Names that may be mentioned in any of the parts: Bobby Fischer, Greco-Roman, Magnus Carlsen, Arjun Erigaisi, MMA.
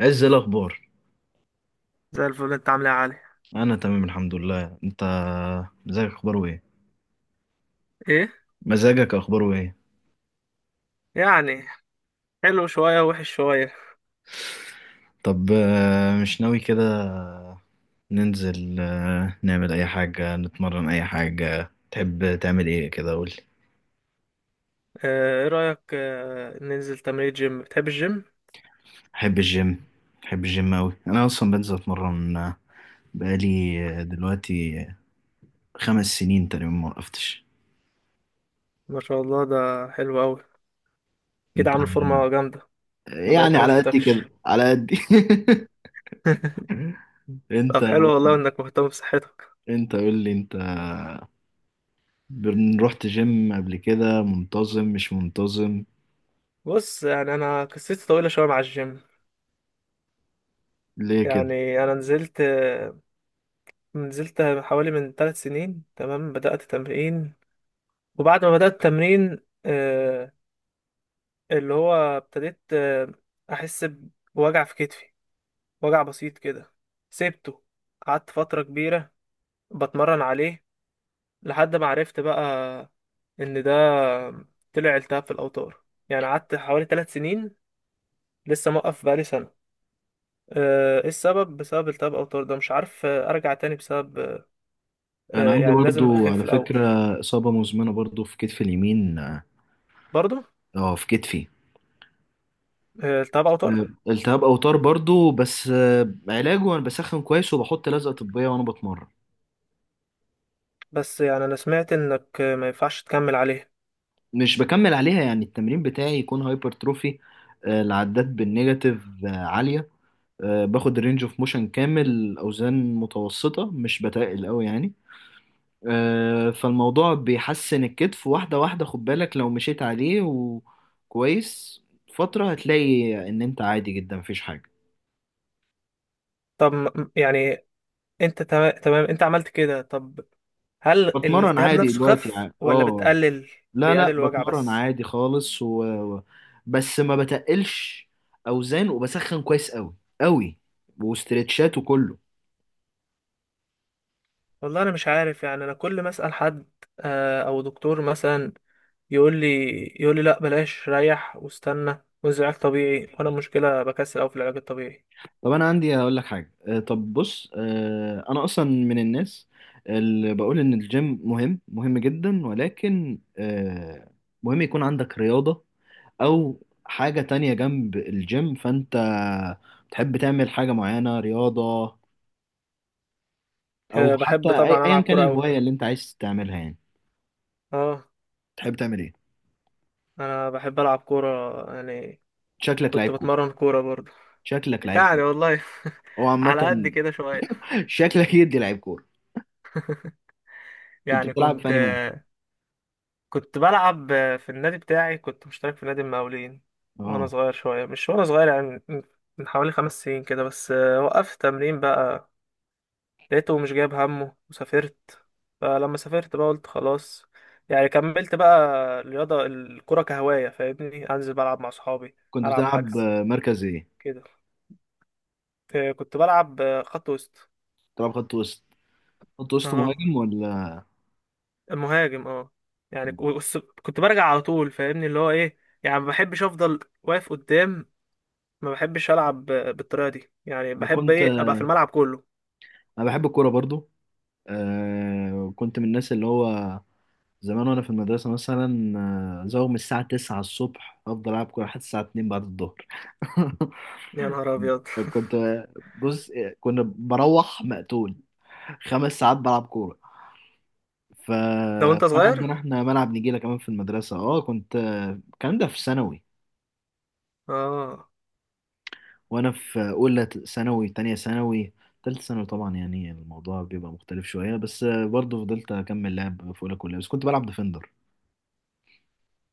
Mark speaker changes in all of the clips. Speaker 1: عز، إيه الأخبار؟
Speaker 2: زي الفل، انت عامل ايه يا علي؟
Speaker 1: أنا تمام الحمد لله. أنت، مزاجك أخباره إيه؟
Speaker 2: ايه؟
Speaker 1: مزاجك أخباره إيه؟
Speaker 2: يعني حلو شوية وحش شوية.
Speaker 1: طب مش ناوي كده ننزل، نعمل أي حاجة، نتمرن، أي حاجة تحب تعمل إيه كده؟ قولي.
Speaker 2: اه، ايه رأيك، ننزل تمرين جيم؟ بتحب الجيم؟
Speaker 1: أحب الجيم. أحب الجيم أوي. أنا أصلا بنزل أتمرن بقالي دلوقتي 5 سنين تقريبا، ما وقفتش.
Speaker 2: ما شاء الله، ده حلو قوي. كده
Speaker 1: أنت؟
Speaker 2: عامل فورمة جامدة. انا بقالي
Speaker 1: يعني
Speaker 2: كتير ما
Speaker 1: على قد
Speaker 2: شفتكش.
Speaker 1: كده على قد. أنت.
Speaker 2: طب حلو والله انك مهتم بصحتك.
Speaker 1: أنت قول لي أنت، رحت جيم قبل كده؟ منتظم مش منتظم؟
Speaker 2: بص، يعني انا قصتي طويلة شوية مع الجيم.
Speaker 1: ليه كده؟
Speaker 2: يعني انا نزلت حوالي من 3 سنين تمام، بدأت تمرين. وبعد ما بدأت تمرين، اه، اللي هو ابتديت، احس بوجع في كتفي، وجع بسيط كده. سبته، قعدت فترة كبيرة بتمرن عليه لحد ما عرفت بقى ان ده طلع التهاب في الاوتار. يعني قعدت حوالي 3 سنين، لسه موقف بقالي سنة. ايه السبب؟ بسبب التهاب اوتار ده. مش عارف ارجع تاني بسبب
Speaker 1: انا عندي
Speaker 2: يعني لازم
Speaker 1: برضو
Speaker 2: اخف
Speaker 1: على
Speaker 2: الاول.
Speaker 1: فكرة إصابة مزمنة، برضو في كتفي اليمين.
Speaker 2: برضو
Speaker 1: اه، في كتفي.
Speaker 2: التهاب اوتار.
Speaker 1: التهاب اوتار برضو، بس علاجه انا بسخن كويس وبحط لزقة طبية وانا بتمرن.
Speaker 2: بس يعني انا سمعت انك ما ينفعش تكمل عليه.
Speaker 1: مش بكمل عليها. يعني التمرين بتاعي يكون هايبرتروفي، العدات بالنيجاتيف عالية. باخد رينج اوف موشن كامل، اوزان متوسطة مش بتقل قوي يعني. فالموضوع بيحسن الكتف واحدة واحدة. خد بالك، لو مشيت عليه وكويس فترة هتلاقي ان انت عادي جدا، مفيش حاجة.
Speaker 2: طب يعني انت تمام تمام انت عملت كده؟ طب هل
Speaker 1: بتمرن
Speaker 2: الالتهاب
Speaker 1: عادي بجد
Speaker 2: نفسه
Speaker 1: دلوقتي.
Speaker 2: خف ولا بتقلل؟
Speaker 1: لا لا،
Speaker 2: بيقلل الوجع
Speaker 1: بتمرن
Speaker 2: بس؟
Speaker 1: عادي خالص بس ما بتقلش اوزان، وبسخن كويس قوي قوي، واسترتشات وكله.
Speaker 2: والله انا مش عارف. يعني انا كل ما اسال حد او دكتور مثلا، يقول لي يقول لي لا بلاش، ريح واستنى وانزل علاج طبيعي، وانا المشكله بكسل قوي في العلاج الطبيعي.
Speaker 1: طب انا عندي هقول لك حاجه، طب بص، انا اصلا من الناس اللي بقول ان الجيم مهم مهم جدا، ولكن مهم يكون عندك رياضه او حاجه تانية جنب الجيم. فانت بتحب تعمل حاجه معينه رياضه، او حتى
Speaker 2: بحب طبعا
Speaker 1: ايا
Speaker 2: العب
Speaker 1: كان
Speaker 2: كوره قوي.
Speaker 1: الهوايه اللي انت عايز تعملها يعني؟
Speaker 2: اه،
Speaker 1: تحب تعمل ايه؟
Speaker 2: انا بحب العب كوره يعني.
Speaker 1: شكلك
Speaker 2: كنت
Speaker 1: لعيب كوره.
Speaker 2: بتمرن كوره برضه.
Speaker 1: شكلك لعيب
Speaker 2: يعني
Speaker 1: كوره
Speaker 2: والله
Speaker 1: او
Speaker 2: على قد
Speaker 1: عامه.
Speaker 2: كده شويه.
Speaker 1: شكلك يدي لعيب كوره. كنت
Speaker 2: يعني
Speaker 1: بتلعب في
Speaker 2: كنت
Speaker 1: انهي مركز؟
Speaker 2: كنت بلعب في النادي بتاعي، كنت مشترك في نادي المقاولين وانا
Speaker 1: اه
Speaker 2: صغير شويه. مش وانا صغير، يعني من حوالي 5 سنين كده، بس وقفت تمرين بقى. لقيته مش جايب همه وسافرت. فلما سافرت بقى قلت خلاص، يعني كملت بقى الرياضه، الكره كهوايه. فاهمني، انزل بلعب مع صحابي.
Speaker 1: كنت
Speaker 2: العب
Speaker 1: بتلعب
Speaker 2: حجز
Speaker 1: مركز ايه؟
Speaker 2: كده. كنت بلعب خط وسط.
Speaker 1: بتلعب خط وسط؟ خط وسط
Speaker 2: اه،
Speaker 1: مهاجم، ولا؟
Speaker 2: مهاجم اه. يعني كنت برجع على طول. فاهمني اللي هو ايه؟ يعني ما بحبش افضل واقف قدام، ما بحبش العب بالطريقه دي. يعني
Speaker 1: انا
Speaker 2: بحب
Speaker 1: كنت.
Speaker 2: ايه؟ ابقى في الملعب كله.
Speaker 1: انا بحب الكوره برضو. آه، كنت من الناس اللي هو زمان وانا في المدرسه مثلا، زوغ من الساعه 9 الصبح افضل العب كوره لحد الساعه 2 بعد الظهر.
Speaker 2: يا نهار ابيض!
Speaker 1: كنت. بص، كنا بروح مقتول، 5 ساعات بلعب كوره.
Speaker 2: ده وانت
Speaker 1: فكان
Speaker 2: صغير.
Speaker 1: عندنا احنا ملعب نجيله كمان في المدرسه. اه، كنت. الكلام ده في ثانوي،
Speaker 2: اه.
Speaker 1: وانا في اولى ثانوي، تانية ثانوي. تالتة ثانوي طبعا يعني الموضوع بيبقى مختلف شوية، بس برضه فضلت اكمل لعب في اولى كلها. بس كنت بلعب ديفندر.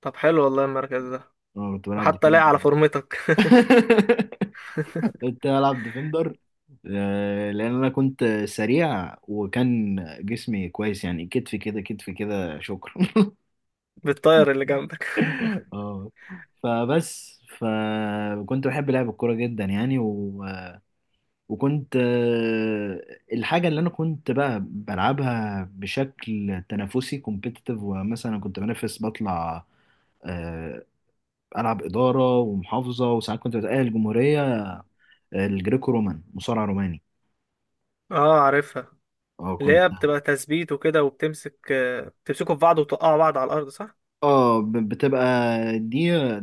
Speaker 2: طب حلو والله المركز ده،
Speaker 1: اه كنت بلعب
Speaker 2: وحتى
Speaker 1: ديفندر.
Speaker 2: لاقي على فورمتك.
Speaker 1: كنت بلعب ديفندر لان انا كنت سريع وكان جسمي كويس يعني. كتفي كده، كتفي كده، شكرا.
Speaker 2: بالطاير اللي جنبك.
Speaker 1: اه، فبس فكنت بحب لعب الكورة جدا يعني. و... وكنت الحاجة اللي أنا كنت بقى بلعبها بشكل تنافسي، كومبيتيتيف، ومثلا كنت بنافس، بطلع آه، ألعب إدارة ومحافظة، وساعات كنت بتأهل الجمهورية. الجريكو رومان، مصارع روماني.
Speaker 2: اه، عارفها.
Speaker 1: اه
Speaker 2: اللي
Speaker 1: كنت.
Speaker 2: هي بتبقى تثبيت وكده، وبتمسك آه، بتمسكوا في بعض وتوقعوا بعض على الارض، صح؟
Speaker 1: اه، بتبقى دي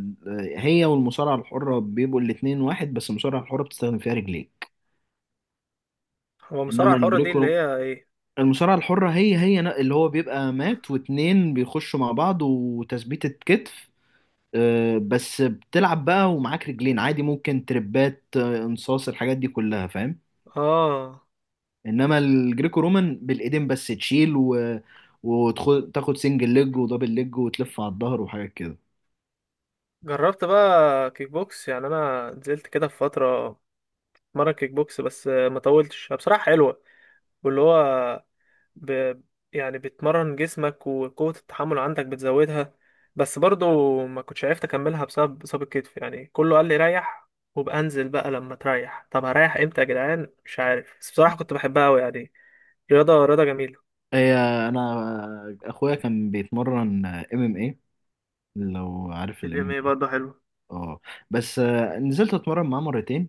Speaker 1: هي والمصارعة الحرة بيبقوا الاتنين واحد، بس المصارعة الحرة بتستخدم فيها رجليك.
Speaker 2: هو المصارعه
Speaker 1: انما
Speaker 2: الحره دي اللي
Speaker 1: الجريكو،
Speaker 2: هي ايه؟
Speaker 1: المصارعة الحرة هي اللي هو بيبقى مات واتنين بيخشوا مع بعض وتثبيتة كتف. بس بتلعب بقى ومعاك رجلين عادي، ممكن تربات انصاص، الحاجات دي كلها فاهم.
Speaker 2: اه،
Speaker 1: انما الجريكو رومان بالايدين بس، تشيل و... وتاخد سنجل ليج ودبل ليج، وتلف على الظهر وحاجات كده.
Speaker 2: جربت بقى كيك بوكس. يعني انا نزلت كده في فتره مرة كيك بوكس، بس ما طولتش بصراحه. حلوه، واللي هو ب... يعني بتمرن جسمك وقوة التحمل عندك بتزودها. بس برضو ما كنتش عرفت اكملها بسبب اصابة كتف. يعني كله قال لي ريح وبقى انزل بقى لما تريح. طب هريح امتى يا جدعان؟ مش عارف. بس بصراحة كنت بحبها قوي، يعني رياضة رياضة جميلة.
Speaker 1: هي، انا اخويا كان بيتمرن ام ام اي، لو عارف الام
Speaker 2: الام
Speaker 1: ام
Speaker 2: اي
Speaker 1: اي.
Speaker 2: برضه حلوة.
Speaker 1: اه، بس نزلت اتمرن معاه مرتين.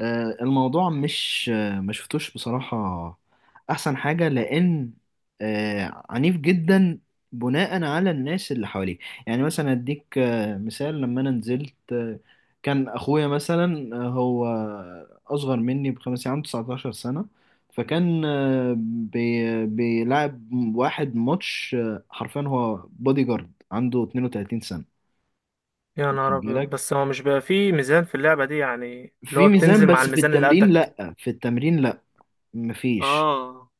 Speaker 1: آه، الموضوع مش آه، ما شفتوش بصراحة أحسن حاجة، لأن عنيف جدا، بناء على الناس اللي حواليه. يعني مثلا أديك مثال، لما أنا نزلت كان أخويا مثلا، هو أصغر مني ب5 سنين، عنده 19 سنة، فكان بيلعب واحد ماتش، حرفيا هو بودي جارد عنده 32 سنة.
Speaker 2: يا نهار
Speaker 1: واخد
Speaker 2: ابيض!
Speaker 1: بالك؟
Speaker 2: بس هو مش بقى فيه ميزان في اللعبة دي؟ يعني
Speaker 1: في
Speaker 2: اللي
Speaker 1: اوكي
Speaker 2: هو
Speaker 1: ميزان،
Speaker 2: بتنزل مع
Speaker 1: بس في
Speaker 2: الميزان اللي
Speaker 1: التمرين
Speaker 2: قدك.
Speaker 1: لأ. في التمرين لأ، مفيش.
Speaker 2: اه.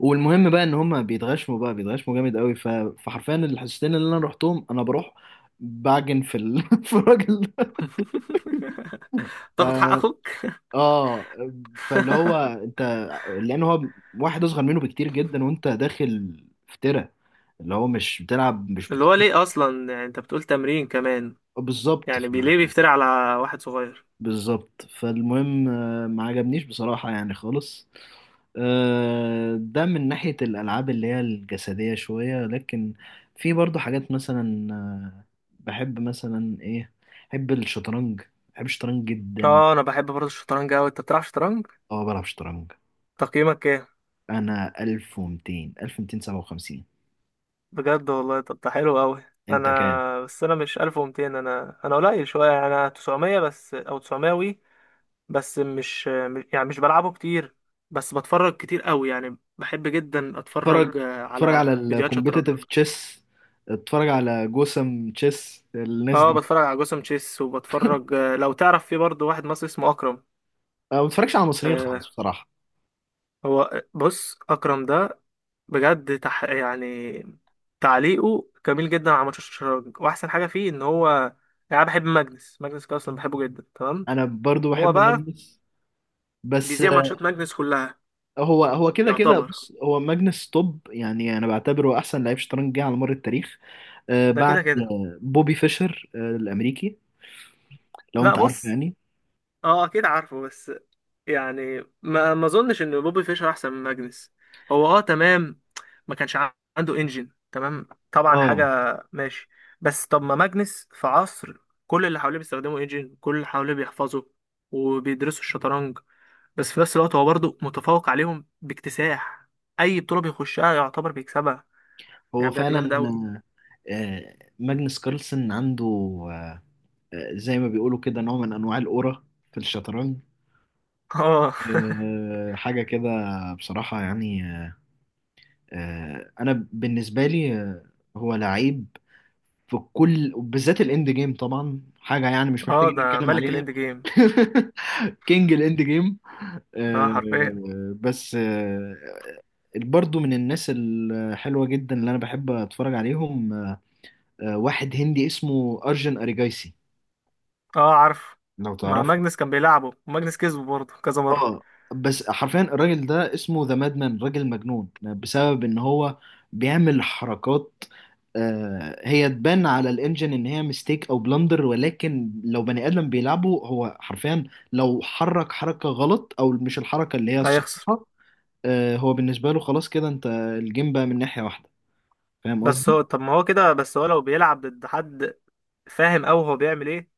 Speaker 1: والمهم بقى ان هم بيتغشموا بقى، بيتغشموا جامد قوي. فحرفيا الحصتين اللي انا رحتهم انا بروح بعجن في في الراجل ده. ف...
Speaker 2: تاخد حق اخوك.
Speaker 1: اه. فاللي هو انت، لان هو واحد اصغر منه بكتير جدا، وانت داخل في تيرة اللي هو مش بتلعب مش بت...
Speaker 2: اللي هو ليه اصلا؟ يعني انت بتقول تمرين كمان،
Speaker 1: بالظبط.
Speaker 2: يعني بيليه بيفتري على واحد صغير.
Speaker 1: بالظبط. فالمهم ما عجبنيش بصراحة يعني، خالص. ده من ناحية الألعاب اللي هي الجسدية شوية، لكن في برضو حاجات مثلا بحب مثلا إيه؟ بحب الشطرنج. بحب الشطرنج جدا.
Speaker 2: اه، انا بحب برضه الشطرنج اوي. انت بتلعب شطرنج؟
Speaker 1: أه بلعب شطرنج.
Speaker 2: تقييمك ايه؟
Speaker 1: أنا 1200، 1257.
Speaker 2: بجد والله؟ طب ده حلو اوي.
Speaker 1: أنت كام؟
Speaker 2: انا بس انا مش 1200، انا قليل شويه. انا 900 بس، او 900 وي. بس يعني مش بلعبه كتير، بس بتفرج كتير اوي. يعني بحب جدا
Speaker 1: اتفرج.
Speaker 2: اتفرج
Speaker 1: اتفرج على
Speaker 2: على فيديوهات شطرنج.
Speaker 1: الكومبيتيتيف تشيس. اتفرج على جوسم تشيس، الناس
Speaker 2: اه،
Speaker 1: دي.
Speaker 2: بتفرج على جوسم تشيس. وبتفرج لو تعرف، في برضه واحد مصري اسمه اكرم.
Speaker 1: أنا ما بتفرجش على المصريين خالص
Speaker 2: آه،
Speaker 1: بصراحة.
Speaker 2: هو بص، اكرم ده بجد يعني تعليقه جميل جدا على ماتش الشراج، واحسن حاجه فيه ان هو يعني، أنا بحب ماجنس. ماجنس كده اصلا بحبه جدا، تمام.
Speaker 1: أنا برضو
Speaker 2: هو
Speaker 1: بحب
Speaker 2: بقى
Speaker 1: ماجنس. بس
Speaker 2: بيذيع
Speaker 1: آه،
Speaker 2: ماتشات ماجنس كلها،
Speaker 1: هو هو كده كده.
Speaker 2: يعتبر.
Speaker 1: بص، هو ماجنس توب، يعني انا بعتبره احسن لعيب شطرنج جه على مر التاريخ
Speaker 2: ده
Speaker 1: بعد
Speaker 2: كده كده.
Speaker 1: بوبي فيشر الامريكي. لو
Speaker 2: لا
Speaker 1: انت عارفه
Speaker 2: بص،
Speaker 1: يعني.
Speaker 2: اه اكيد عارفه، بس يعني ما اظنش ان بوبي فيشر احسن من ماجنس. هو اه تمام، ما كانش عنده انجن، تمام طبعا حاجه.
Speaker 1: اه،
Speaker 2: ماشي. بس طب ما ماجنس في عصر كل اللي حواليه بيستخدموا انجن، كل اللي حواليه بيحفظوا وبيدرسوا الشطرنج. بس في نفس الوقت هو برضه متفوق عليهم باكتساح، اي بطوله بيخشها يعتبر بيكسبها.
Speaker 1: هو
Speaker 2: يعني بجد
Speaker 1: فعلا.
Speaker 2: جامد قوي.
Speaker 1: ماجنس كارلسن عنده آه، زي ما بيقولوا كده، نوع من انواع الاورا في الشطرنج،
Speaker 2: اه.
Speaker 1: حاجه كده. بصراحه يعني، انا بالنسبه لي، هو لعيب في كل، بالذات الاند جيم طبعا، حاجه يعني مش
Speaker 2: اه
Speaker 1: محتاجين
Speaker 2: ده
Speaker 1: نتكلم
Speaker 2: ملك
Speaker 1: عليها.
Speaker 2: الاند جيم.
Speaker 1: كينج الاند جيم.
Speaker 2: اه حرفيا.
Speaker 1: آه، بس آه، برضو من الناس الحلوة جدا اللي أنا بحب أتفرج عليهم واحد هندي اسمه أرجن أريجايسي،
Speaker 2: اه عارف،
Speaker 1: لو
Speaker 2: ما
Speaker 1: تعرفه.
Speaker 2: ماجنس كان بيلعبه وماجنس كسبه برضه كذا مره.
Speaker 1: اه، بس حرفيا الراجل ده اسمه ذا مادمان، راجل مجنون، بسبب إن هو بيعمل حركات هي تبان على الانجن ان هي ميستيك او بلندر، ولكن لو بني ادم بيلعبه هو حرفيا لو حرك حركه غلط او مش الحركه اللي هي الصح،
Speaker 2: هيخسر.
Speaker 1: هو بالنسبة له خلاص كده، انت الجيم بقى من ناحية واحدة. فاهم
Speaker 2: بس
Speaker 1: قصدي؟
Speaker 2: هو، طب ما هو كده. بس هو لو بيلعب ضد حد، فاهم أوي هو بيعمل ايه.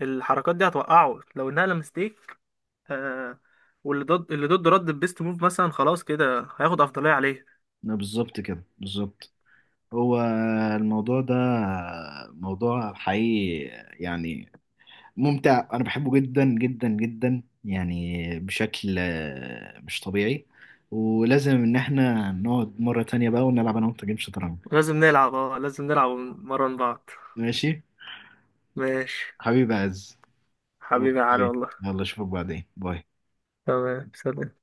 Speaker 2: الحركات دي هتوقعه لو انها مستيك. آه، واللي ضد اللي ضده رد بيست موف مثلا، خلاص كده هياخد أفضلية عليه.
Speaker 1: لا، بالظبط كده، بالظبط. هو الموضوع ده موضوع حقيقي يعني، ممتع، انا بحبه جدا جدا جدا يعني بشكل مش طبيعي. ولازم ان احنا نقعد مرة تانية بقى ونلعب انا وانت جيم شطرنج.
Speaker 2: لازم نلعب، اه لازم نلعب ونمرن بعض.
Speaker 1: ماشي.
Speaker 2: ماشي.
Speaker 1: حبيبي عز.
Speaker 2: حبيبي يا علي
Speaker 1: اوكي.
Speaker 2: والله.
Speaker 1: يلا اشوفك بعدين، باي.
Speaker 2: تمام، سلام.